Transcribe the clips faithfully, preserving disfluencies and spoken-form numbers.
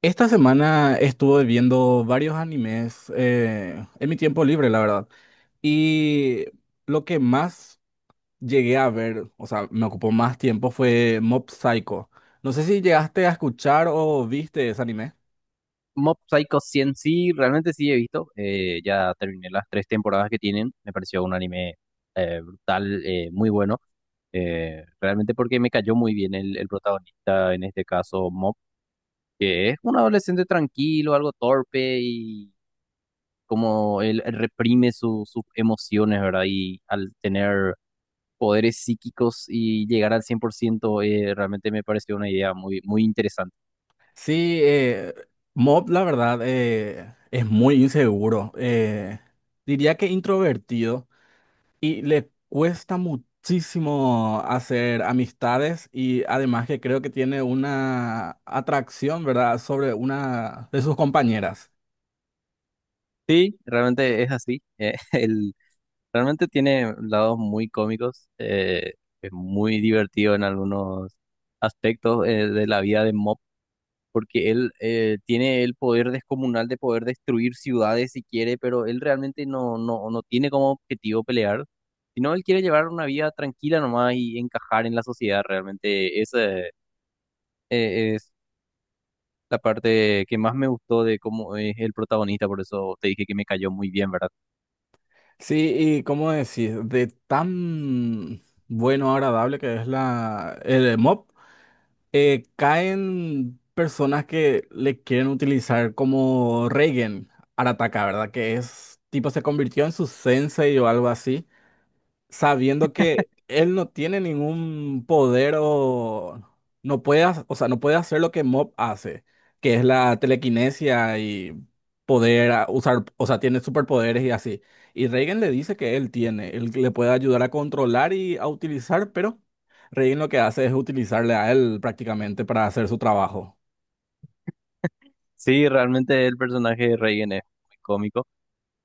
Esta semana estuve viendo varios animes eh, en mi tiempo libre, la verdad. Y lo que más llegué a ver, o sea, me ocupó más tiempo fue Mob Psycho. No sé si llegaste a escuchar o viste ese anime. Mob Psycho cien sí, realmente sí he visto. Eh, ya terminé las tres temporadas que tienen. Me pareció un anime eh, brutal, eh, muy bueno. Eh, realmente porque me cayó muy bien el, el protagonista, en este caso Mob, que es un adolescente tranquilo, algo torpe y como él reprime su- sus emociones, ¿verdad? Y al tener poderes psíquicos y llegar al cien por ciento, eh, realmente me pareció una idea muy, muy interesante. Sí, eh, Mob, la verdad, eh, es muy inseguro. Eh, diría que introvertido. Y le cuesta muchísimo hacer amistades y además que creo que tiene una atracción, ¿verdad?, sobre una de sus compañeras. Sí, realmente es así. eh, el Realmente tiene lados muy cómicos, eh, es muy divertido en algunos aspectos eh, de la vida de Mob, porque él eh, tiene el poder descomunal de poder destruir ciudades si quiere, pero él realmente no, no, no tiene como objetivo pelear, sino él quiere llevar una vida tranquila nomás y encajar en la sociedad. Realmente esa eh, es la parte que más me gustó de cómo es el protagonista, por eso te dije que me cayó muy bien, ¿verdad? Sí, y cómo decir, de tan bueno, agradable que es la, el mob, eh, caen personas que le quieren utilizar como Reigen Arataka, ¿verdad? Que es, tipo, se convirtió en su sensei o algo así, sabiendo que él no tiene ningún poder o no puede, ha- o sea, no puede hacer lo que Mob hace, que es la telequinesia y poder ah, usar, o sea, tiene superpoderes y así. Y Reigen le dice que él tiene, él le puede ayudar a controlar y a utilizar, pero Reigen lo que hace es utilizarle a él prácticamente para hacer su trabajo. Sí, realmente el personaje de Reagan es muy cómico.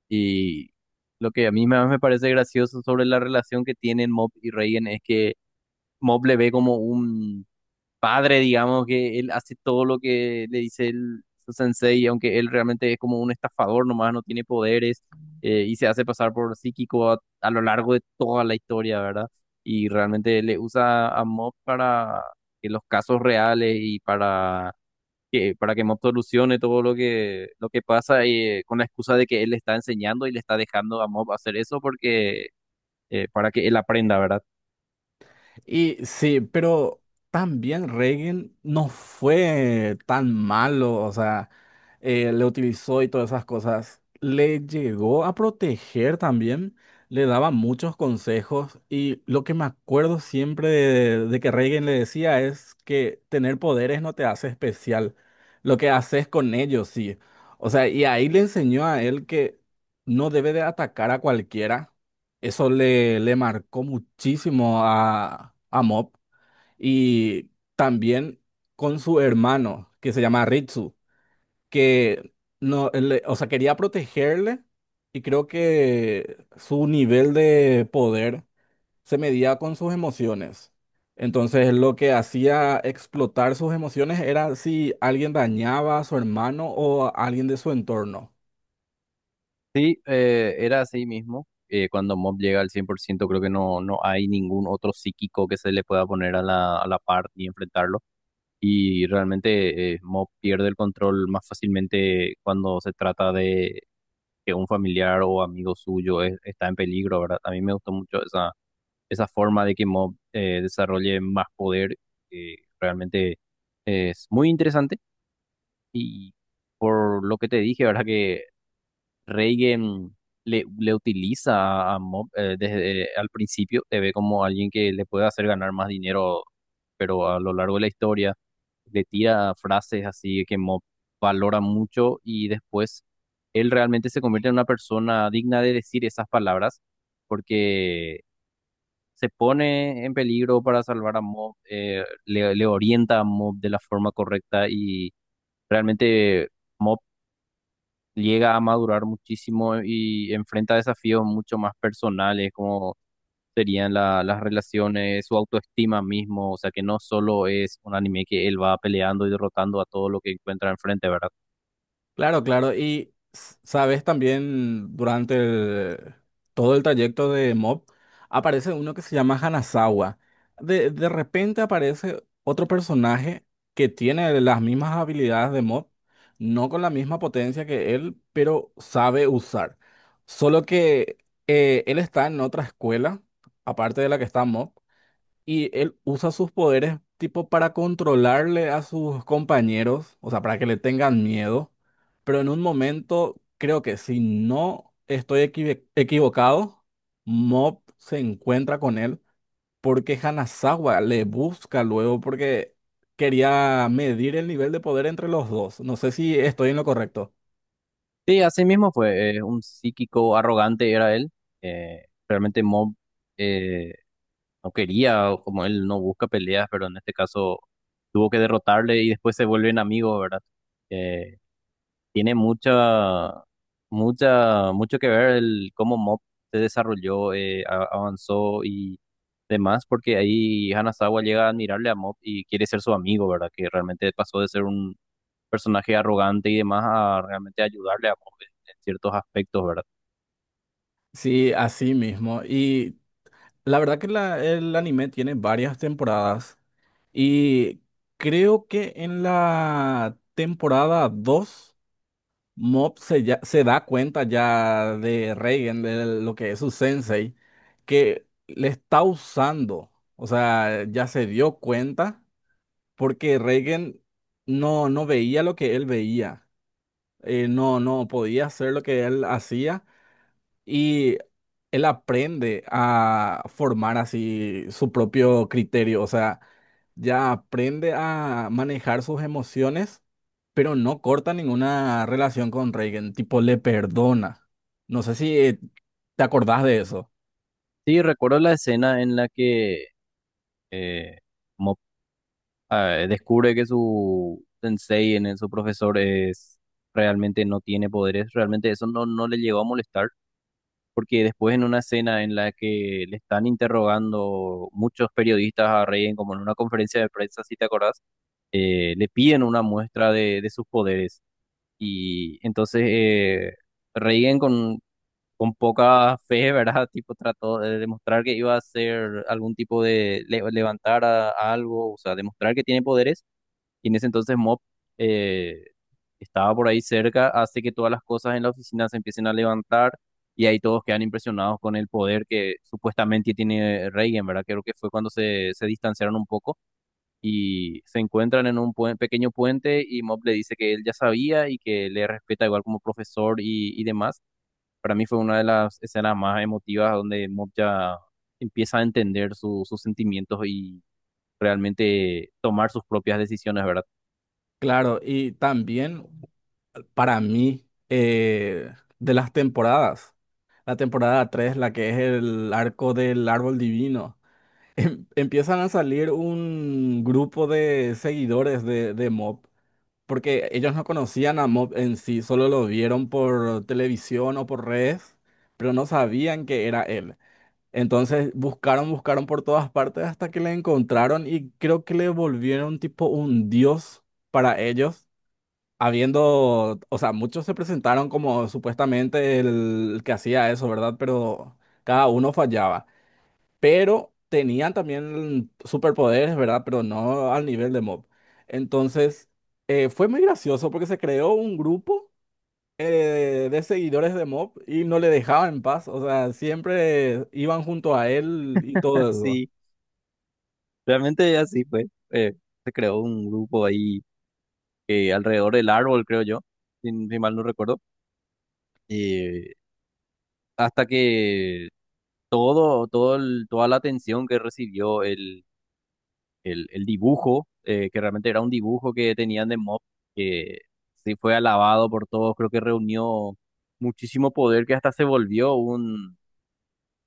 Y lo que a mí más me parece gracioso sobre la relación que tienen Mob y Reagan es que Mob le ve como un padre, digamos, que él hace todo lo que le dice el, su sensei, aunque él realmente es como un estafador nomás, no tiene poderes eh, y se hace pasar por psíquico a, a lo largo de toda la historia, ¿verdad? Y realmente le usa a Mob para que los casos reales y para que, para que Mob solucione todo lo que, lo que pasa y, eh, con la excusa de que él le está enseñando y le está dejando a Mob hacer eso porque eh, para que él aprenda, ¿verdad? Y sí, pero también Reagan no fue tan malo, o sea, eh, le utilizó y todas esas cosas. Le llegó a proteger también, le daba muchos consejos y lo que me acuerdo siempre de, de que Reagan le decía es que tener poderes no te hace especial, lo que haces con ellos sí. O sea, y ahí le enseñó a él que no debe de atacar a cualquiera, eso le, le marcó muchísimo a, a Mob. Y también con su hermano que se llama Ritsu, que no, le- o sea, quería protegerle, y creo que su nivel de poder se medía con sus emociones. Entonces lo que hacía explotar sus emociones era si alguien dañaba a su hermano o a alguien de su entorno. Sí, eh, era así mismo. Eh, cuando Mob llega al cien por ciento creo que no, no hay ningún otro psíquico que se le pueda poner a la, a la par y enfrentarlo. Y realmente eh, Mob pierde el control más fácilmente cuando se trata de que un familiar o amigo suyo es- está en peligro, ¿verdad? A mí me gustó mucho esa, esa forma de que Mob eh, desarrolle más poder eh, realmente es muy interesante y por lo que te dije, ¿verdad? Que Reigen le, le utiliza a Mob eh, desde al principio, te ve como alguien que le puede hacer ganar más dinero, pero a lo largo de la historia le tira frases así que Mob valora mucho y después él realmente se convierte en una persona digna de decir esas palabras porque se pone en peligro para salvar a Mob, eh, le, le orienta a Mob de la forma correcta y realmente Mob llega a madurar muchísimo y enfrenta desafíos mucho más personales, como serían la- las relaciones, su autoestima mismo, o sea que no solo es un anime que él va peleando y derrotando a todo lo que encuentra enfrente, ¿verdad? Claro, claro. Y s- sabes, también durante el- todo el trayecto de Mob aparece uno que se llama Hanazawa. De, de repente aparece otro personaje que tiene las mismas habilidades de Mob, no con la misma potencia que él, pero sabe usar. Solo que eh, él está en otra escuela, aparte de la que está Mob. Y él usa sus poderes tipo para controlarle a sus compañeros, o sea, para que le tengan miedo. Pero en un momento, creo que si no estoy equive- equivocado, Mob se encuentra con él porque Hanazawa le busca luego porque quería medir el nivel de poder entre los dos. No sé si estoy en lo correcto. Sí, así mismo fue, eh, un psíquico arrogante era él, eh, realmente Mob... eh, no quería, o como él no busca peleas, pero en este caso tuvo que derrotarle y después se vuelven amigos, ¿verdad? Eh, tiene mucha, mucha, mucho que ver el cómo Mob se desarrolló, eh, a- avanzó y demás, porque ahí Hanazawa llega a admirarle a Mob y quiere ser su amigo, ¿verdad? Que realmente pasó de ser un personaje arrogante y demás a realmente ayudarle a Mob en, en ciertos aspectos, ¿verdad? Sí, así mismo. Y la verdad que la- el anime tiene varias temporadas. Y creo que en la temporada dos Mob se, ya- se da cuenta ya de Reigen, de lo que es su sensei, que le está usando. O sea, ya se dio cuenta porque Reigen no, no veía lo que él veía. Eh, no, no podía hacer lo que él hacía, y él aprende a formar así su propio criterio, o sea, ya aprende a manejar sus emociones, pero no corta ninguna relación con Reagan, tipo le perdona. No sé si eh, te acordás de eso. Sí, recuerdo la escena en la que eh, eh, descubre que su sensei, en el- su profesor, es, realmente no tiene poderes, realmente eso no, no le llegó a molestar, porque después en una escena en la que le están interrogando muchos periodistas a Reien, como en una conferencia de prensa, si te acordás, eh, le piden una muestra de, de sus poderes. Y entonces eh, Reien con, con poca fe, ¿verdad? Tipo trató de demostrar que iba a hacer algún tipo de le- levantar a, a algo, o sea, demostrar que tiene poderes y en ese entonces Mop eh, estaba por ahí cerca, hace que todas las cosas en la oficina se empiecen a levantar y ahí todos quedan impresionados con el poder que supuestamente tiene Reagan, ¿verdad? Creo que fue cuando se, se distanciaron un poco y se encuentran en un puen- pequeño puente y Mop le dice que él ya sabía y que le respeta igual como profesor y, y demás. Para mí fue una de las escenas más emotivas donde Mop ya empieza a entender su- sus sentimientos y realmente tomar sus propias decisiones, ¿verdad? Claro, y también para mí, eh, de las temporadas, la temporada tres, la que es el arco del árbol divino. Em- empiezan a salir un grupo de seguidores de, de Mob, porque ellos no conocían a Mob en sí, solo lo vieron por televisión o por redes, pero no sabían que era él. Entonces buscaron, buscaron por todas partes hasta que le encontraron y creo que le volvieron tipo un dios para ellos. Habiendo, o sea, muchos se presentaron como supuestamente el que hacía eso, ¿verdad? Pero cada uno fallaba, pero tenían también superpoderes, ¿verdad? Pero no al nivel de Mob. Entonces, eh, fue muy gracioso porque se creó un grupo eh, de seguidores de Mob y no le dejaban en paz, o sea, siempre iban junto a él y todo eso. Sí, realmente así fue. eh, Se creó un grupo ahí eh, alrededor del árbol, creo yo, si, si mal no recuerdo. eh, Hasta que todo, todo el- toda la atención que recibió el, el, el dibujo, eh, que realmente era un dibujo que tenían de Mob, que sí fue alabado por todos, creo que reunió muchísimo poder que hasta se volvió un,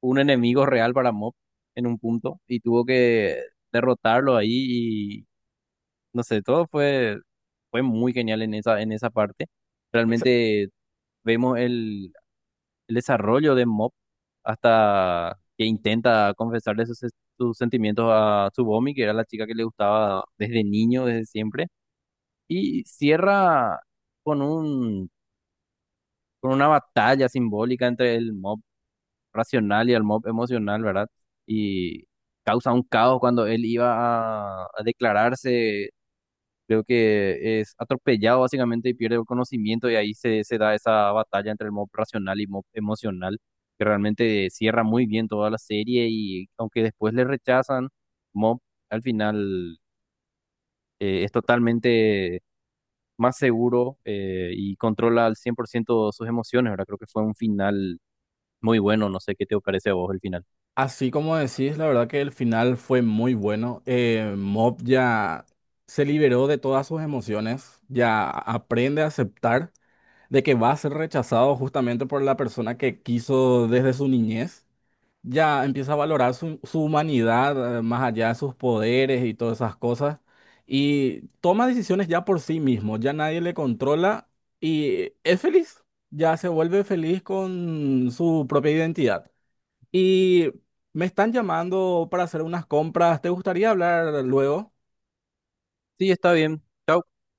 un enemigo real para Mob en un punto y tuvo que derrotarlo ahí, no sé, todo fue, fue muy genial en esa, en esa parte. Ex- Realmente vemos el, el desarrollo de Mop hasta que intenta confesarle sus, sus sentimientos a Tsubomi, que era la chica que le gustaba desde niño, desde siempre. Y cierra con un, con una batalla simbólica entre el Mob racional y el Mob emocional, ¿verdad? Y causa un caos cuando él iba a a declararse. Creo que es atropellado básicamente y pierde el conocimiento y ahí se, se da esa batalla entre el Mob racional y Mob emocional, que realmente cierra muy bien toda la serie y aunque después le rechazan, Mob al final eh, es totalmente más seguro eh, y controla al cien por ciento sus emociones, ¿verdad? Creo que fue un final muy bueno, no sé qué te parece a vos el final. Así como decís, la verdad que el final fue muy bueno. Eh, Mob ya se liberó de todas sus emociones, ya aprende a aceptar de que va a ser rechazado justamente por la persona que quiso desde su niñez. Ya empieza a valorar su, su humanidad, eh, más allá de sus poderes y todas esas cosas, y toma decisiones ya por sí mismo, ya nadie le controla y es feliz, ya se vuelve feliz con su propia identidad. Y me están llamando para hacer unas compras, ¿te gustaría hablar luego? Sí, está bien. Chao.